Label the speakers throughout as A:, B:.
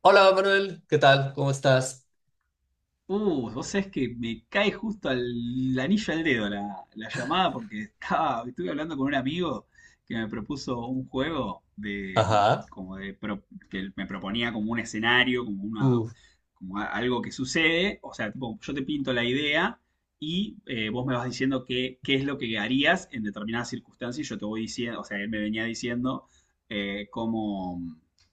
A: Hola Manuel, ¿qué tal? ¿Cómo estás?
B: Vos sabés que me cae justo al el anillo al dedo la llamada porque estuve hablando con un amigo que me propuso un juego de,
A: Ajá.
B: como de, pro- que me proponía como un escenario, como una,
A: Uf,
B: como a- algo que sucede, o sea, tipo, yo te pinto la idea y vos me vas diciendo qué es lo que harías en determinadas circunstancias y yo te voy diciendo, o sea, él me venía diciendo eh, cómo,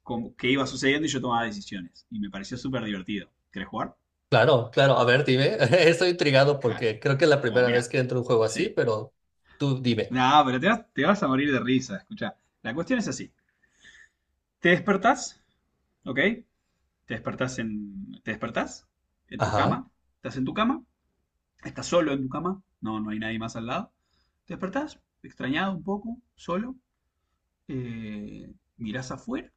B: qué iba sucediendo y yo tomaba decisiones. Y me pareció súper divertido. ¿Querés jugar?
A: claro. A ver, dime. Estoy intrigado
B: Vale.
A: porque creo que es la
B: Bueno,
A: primera vez
B: mira,
A: que entro a un juego así,
B: sí.
A: pero tú dime.
B: No, pero te vas a morir de risa, escucha. La cuestión es así. Te despertás, ¿ok? Te despertás en tu
A: Ajá,
B: cama. Estás en tu cama. Estás solo en tu cama. No, no hay nadie más al lado. Te despertás, extrañado un poco, solo. eh, Mirás afuera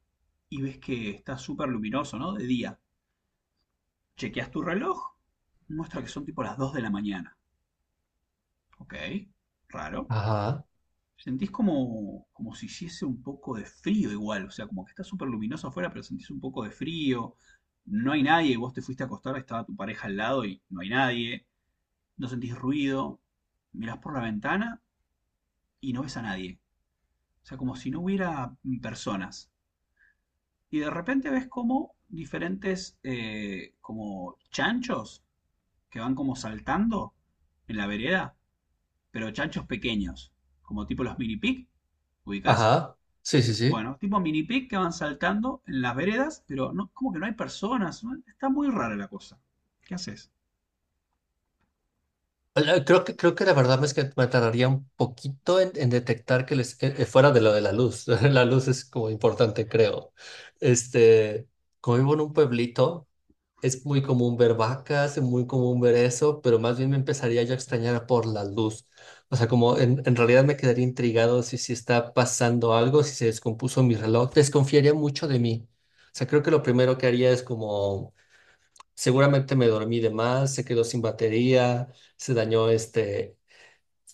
B: y ves que está súper luminoso, ¿no? De día. Chequeas tu reloj. Muestra que son tipo las 2 de la mañana. Ok, raro.
A: ajá,
B: Sentís como si hiciese un poco de frío igual, o sea, como que está súper luminoso afuera, pero sentís un poco de frío, no hay nadie, vos te fuiste a acostar, estaba tu pareja al lado y no hay nadie, no sentís ruido, mirás por la ventana y no ves a nadie, o sea, como si no hubiera personas. Y de repente ves como diferentes, como chanchos que van como saltando en la vereda, pero chanchos pequeños, como tipo los mini pig, ¿ubicás?
A: ajá. Sí, sí, sí.
B: Bueno, tipo mini pic que van saltando en las veredas, pero no, como que no hay personas, ¿no? Está muy rara la cosa. ¿Qué haces?
A: Creo que, creo que la verdad es que me tardaría un poquito en detectar que les, fuera de lo de la luz. La luz es como importante, creo. Este, como vivo en un pueblito. Es muy común ver vacas, es muy común ver eso, pero más bien me empezaría yo a extrañar por la luz. O sea, como en realidad me quedaría intrigado si, si está pasando algo, si se descompuso mi reloj, desconfiaría mucho de mí. O sea, creo que lo primero que haría es como, seguramente me dormí de más, se quedó sin batería, se dañó este...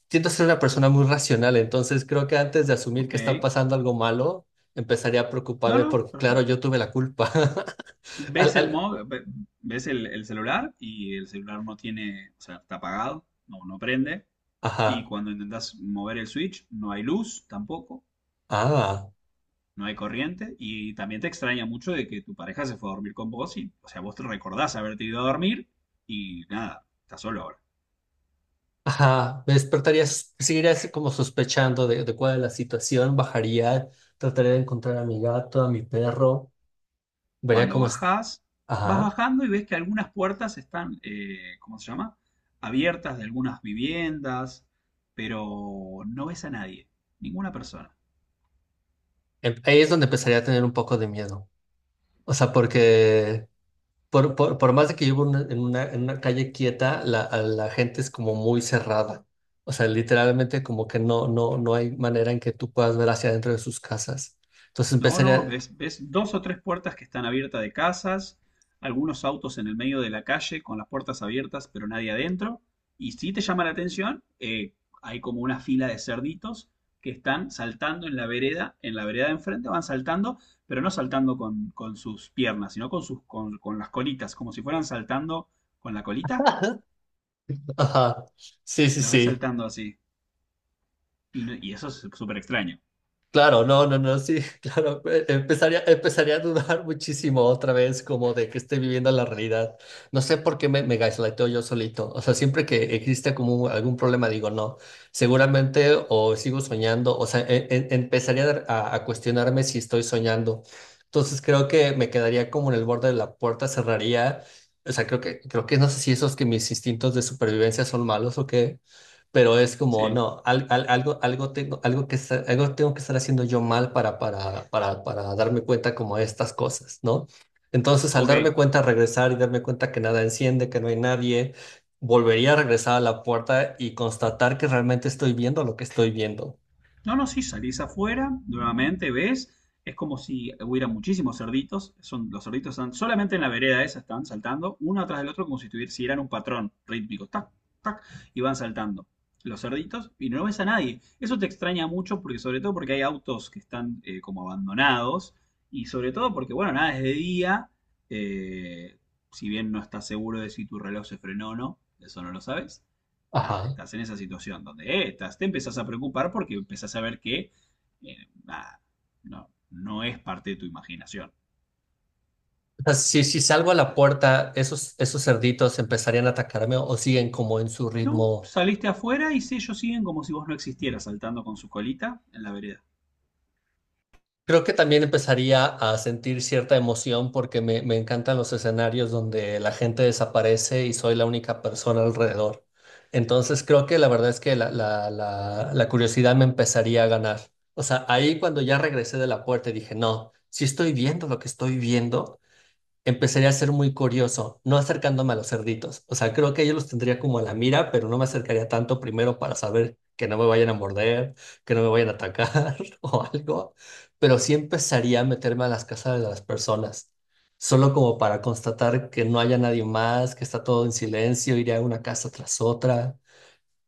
A: Siento ser una persona muy racional, entonces creo que antes de asumir
B: Ok.
A: que está pasando algo malo, empezaría a
B: No,
A: preocuparme
B: no,
A: porque, claro,
B: perfecto.
A: yo tuve la culpa. Al-
B: Ves el
A: al-
B: mo- ve- Ves el celular y el celular no tiene, o sea, está apagado, no, no prende. Y
A: Ajá.
B: cuando intentas mover el switch, no hay luz tampoco,
A: Ah.
B: no hay corriente. Y también te extraña mucho de que tu pareja se fue a dormir con vos y, o sea, vos te recordás haberte ido a dormir y nada, estás solo ahora.
A: Ajá, me despertarías, seguirías como sospechando de cuál es la situación, bajaría, trataría de encontrar a mi gato, a mi perro, vería
B: Cuando
A: cómo es.
B: bajás, vas
A: Ajá,
B: bajando y ves que algunas puertas están, ¿cómo se llama? Abiertas de algunas viviendas, pero no ves a nadie, ninguna persona.
A: Ahí es donde empezaría a tener un poco de miedo. O sea, porque por más de que vivo en una, en una, en una calle quieta, la, a la gente es como muy cerrada. O sea, literalmente como que no hay manera en que tú puedas ver hacia adentro de sus casas. Entonces
B: No, no,
A: empezaría...
B: ves dos o tres puertas que están abiertas de casas, algunos autos en el medio de la calle con las puertas abiertas pero nadie adentro. Y si te llama la atención, hay como una fila de cerditos que están saltando en la vereda de enfrente van saltando, pero no saltando con sus piernas, sino con las colitas, como si fueran saltando con la colita.
A: Ajá, sí, sí,
B: Los ves
A: sí.
B: saltando así. Y, no- y eso es súper extraño.
A: Claro, no, no, no, sí, claro. Empezaría, empezaría a dudar muchísimo otra vez como de que esté viviendo la realidad. No sé por qué me, me gaslighteo yo solito. O sea, siempre que existe como algún problema, digo, no, seguramente o sigo soñando, o sea, empezaría a, a cuestionarme si estoy soñando. Entonces creo que me quedaría como en el borde de la puerta, cerraría. O sea, creo que no sé si esos que mis instintos de supervivencia son malos o qué, pero es como,
B: Sí.
A: no, algo, algo tengo, algo que, algo tengo que estar haciendo yo mal para darme cuenta como de estas cosas, ¿no? Entonces, al
B: Ok.
A: darme cuenta, regresar y darme cuenta que nada enciende, que no hay nadie, volvería a regresar a la puerta y constatar que realmente estoy viendo lo que estoy viendo.
B: No, no, sí, salís afuera, nuevamente ves, es como si hubiera muchísimos cerditos, los cerditos están solamente en la vereda esa, están saltando uno atrás del otro como si tuvieran si eran un patrón rítmico, tac, tac, y van saltando los cerditos y no ves a nadie. Eso te extraña mucho porque sobre todo porque hay autos que están como abandonados y sobre todo porque, bueno, nada, es de día, eh, si bien no estás seguro de si tu reloj se frenó o no, eso no lo sabes nada,
A: Ajá.
B: estás en esa situación donde te empezás a preocupar porque empezás a ver que eh, nada, no, no es parte de tu imaginación.
A: O sea, si, si salgo a la puerta, esos cerditos empezarían a atacarme o siguen como en su
B: No,
A: ritmo.
B: saliste afuera y si ellos siguen como si vos no existieras saltando con su colita en la vereda.
A: Creo que también empezaría a sentir cierta emoción porque me encantan los escenarios donde la gente desaparece y soy la única persona alrededor. Entonces creo que la verdad es que la curiosidad me empezaría a ganar. O sea, ahí cuando ya regresé de la puerta y dije, no, si estoy viendo lo que estoy viendo, empezaría a ser muy curioso, no acercándome a los cerditos. O sea, creo que yo los tendría como a la mira, pero no me acercaría tanto primero para saber que no me vayan a morder, que no me vayan a atacar o algo. Pero sí empezaría a meterme a las casas de las personas, solo como para constatar que no haya nadie más, que está todo en silencio, iría a una casa tras otra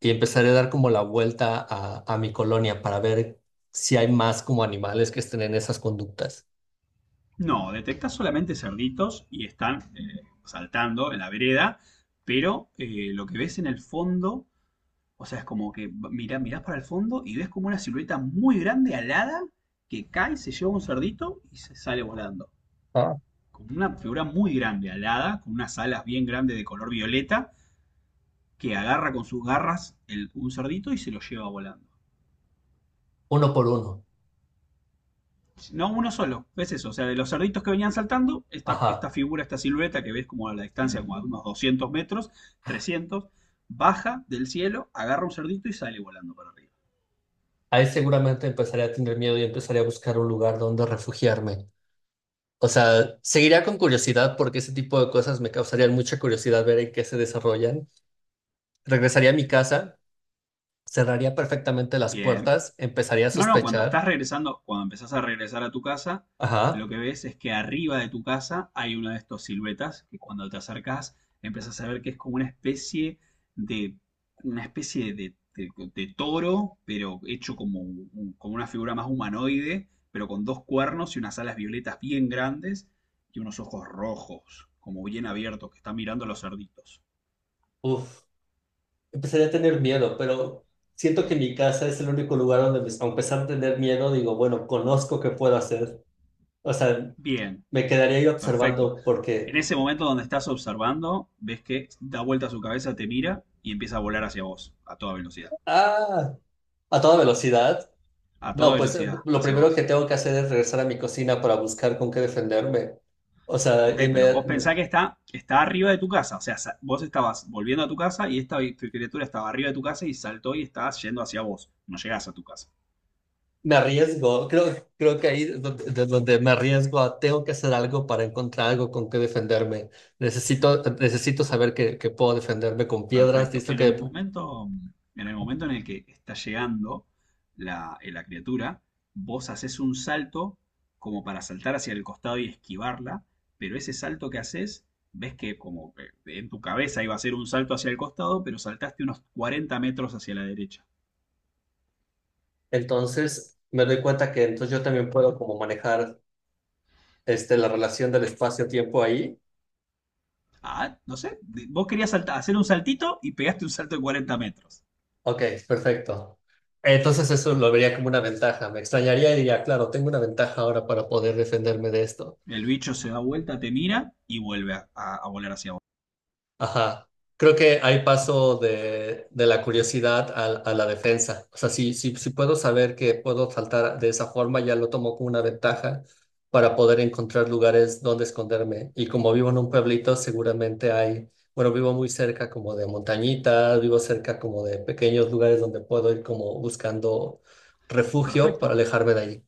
A: y empezaré a dar como la vuelta a mi colonia para ver si hay más como animales que estén en esas conductas.
B: No, detectás solamente cerditos y están saltando en la vereda, pero lo que ves en el fondo, o sea, es como que mirás para el fondo y ves como una silueta muy grande alada que cae, se lleva un cerdito y se sale volando,
A: Ah,
B: con una figura muy grande, alada, con unas alas bien grandes de color violeta, que agarra con sus garras un cerdito y se lo lleva volando.
A: uno por uno.
B: No uno solo, ves eso. O sea, de los cerditos que venían saltando, esta
A: Ajá.
B: figura, esta silueta que ves como a la distancia, como a unos 200 metros, 300, baja del cielo, agarra un cerdito y sale volando para arriba.
A: Ahí seguramente empezaré a tener miedo y empezaré a buscar un lugar donde refugiarme. O sea, seguiría con curiosidad porque ese tipo de cosas me causarían mucha curiosidad ver en qué se desarrollan. Regresaría a mi casa, cerraría perfectamente las
B: Bien.
A: puertas, empezaría a
B: No, no, cuando estás
A: sospechar.
B: regresando, cuando empezás a regresar a tu casa, lo
A: Ajá,
B: que ves es que arriba de tu casa hay uno de estos siluetas que cuando te acercás empezás a ver que es como una especie de, una especie de, de- de toro, pero hecho como una figura más humanoide, pero con dos cuernos y unas alas violetas bien grandes y unos ojos rojos, como bien abiertos, que está mirando a los cerditos.
A: uf, empezaría a tener miedo, pero siento que mi casa es el único lugar donde, a pesar de tener miedo, digo, bueno, conozco qué puedo hacer. O sea,
B: Bien.
A: me quedaría yo
B: Perfecto.
A: observando
B: En
A: porque,
B: ese momento donde estás observando, ves que da vuelta su cabeza, te mira y empieza a volar hacia vos, a toda velocidad.
A: ah, a toda velocidad.
B: A toda
A: No, pues
B: velocidad,
A: lo
B: hacia
A: primero que
B: vos.
A: tengo que hacer es regresar a mi cocina para buscar con qué defenderme. O sea,
B: Ok,
A: y
B: pero vos pensás que está arriba de tu casa. O sea, vos estabas volviendo a tu casa y esta criatura estaba arriba de tu casa y saltó y estaba yendo hacia vos. No llegás a tu casa.
A: me arriesgo. Creo, creo que ahí es donde, de donde me arriesgo a tengo que hacer algo para encontrar algo con qué defenderme. Necesito, necesito saber que puedo defenderme con piedras.
B: Perfecto.
A: Listo
B: En el
A: que...
B: momento, en el momento en el que está llegando la criatura, vos haces un salto como para saltar hacia el costado y esquivarla, pero ese salto que haces, ves que como que en tu cabeza iba a ser un salto hacia el costado, pero saltaste unos 40 metros hacia la derecha.
A: Entonces me doy cuenta que entonces yo también puedo como manejar la relación del espacio-tiempo ahí.
B: Ah, no sé, vos querías hacer un saltito y pegaste un salto de 40 metros.
A: Ok, perfecto. Entonces eso lo vería como una ventaja. Me extrañaría y diría, claro, tengo una ventaja ahora para poder defenderme de esto.
B: El bicho se da vuelta, te mira y vuelve a volar hacia vos.
A: Ajá. Creo que ahí paso de la curiosidad a la defensa. O sea, si puedo saber que puedo saltar de esa forma, ya lo tomo como una ventaja para poder encontrar lugares donde esconderme. Y como vivo en un pueblito, seguramente hay, bueno, vivo muy cerca como de montañitas, vivo cerca como de pequeños lugares donde puedo ir como buscando refugio para
B: Perfecto.
A: alejarme de allí.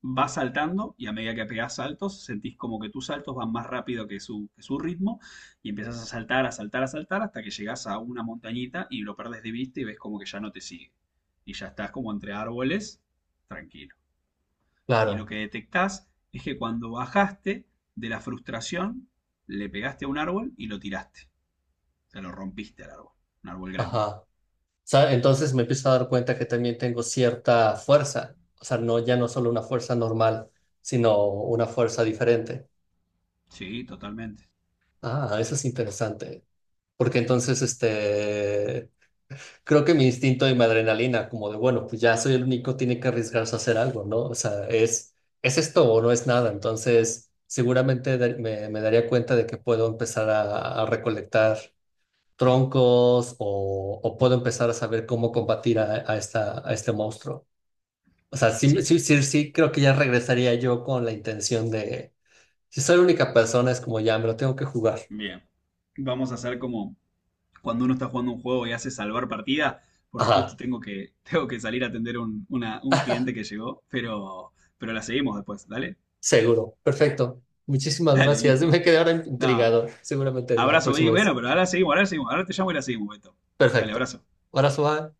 B: Vas saltando y a medida que pegás saltos, sentís como que tus saltos van más rápido que su ritmo y empezás a saltar, a saltar, a saltar hasta que llegás a una montañita y lo perdés de vista y ves como que ya no te sigue. Y ya estás como entre árboles, tranquilo. Y lo
A: Claro.
B: que detectás es que cuando bajaste de la frustración, le pegaste a un árbol y lo tiraste. O sea, lo rompiste al árbol. Un árbol grande.
A: Ajá. Entonces me empiezo a dar cuenta que también tengo cierta fuerza, o sea, no, ya no solo una fuerza normal, sino una fuerza diferente.
B: Sí, totalmente.
A: Ah, eso es interesante, porque entonces creo que mi instinto y mi adrenalina, como de, bueno, pues ya soy el único, tiene que arriesgarse a hacer algo, ¿no? O sea, es esto o no es nada, entonces seguramente me daría cuenta de que puedo empezar a recolectar troncos o puedo empezar a saber cómo combatir a esta, a este monstruo. O sea, sí,
B: Sí.
A: sí, sí, sí, creo que ya regresaría yo con la intención de, si soy la única persona, es como ya me lo tengo que jugar.
B: Bien. Vamos a hacer como cuando uno está jugando un juego y hace salvar partida, porque justo
A: Ajá,
B: tengo que, tengo que salir a atender un cliente que llegó, pero la seguimos después, dale,
A: seguro, perfecto. Muchísimas
B: dale,
A: gracias.
B: listo.
A: Me quedé ahora
B: Nada,
A: intrigado, seguramente la
B: abrazo, y
A: próxima
B: bueno,
A: vez.
B: pero ahora te llamo y la seguimos, Beto. Dale,
A: Perfecto.
B: abrazo.
A: Ahora,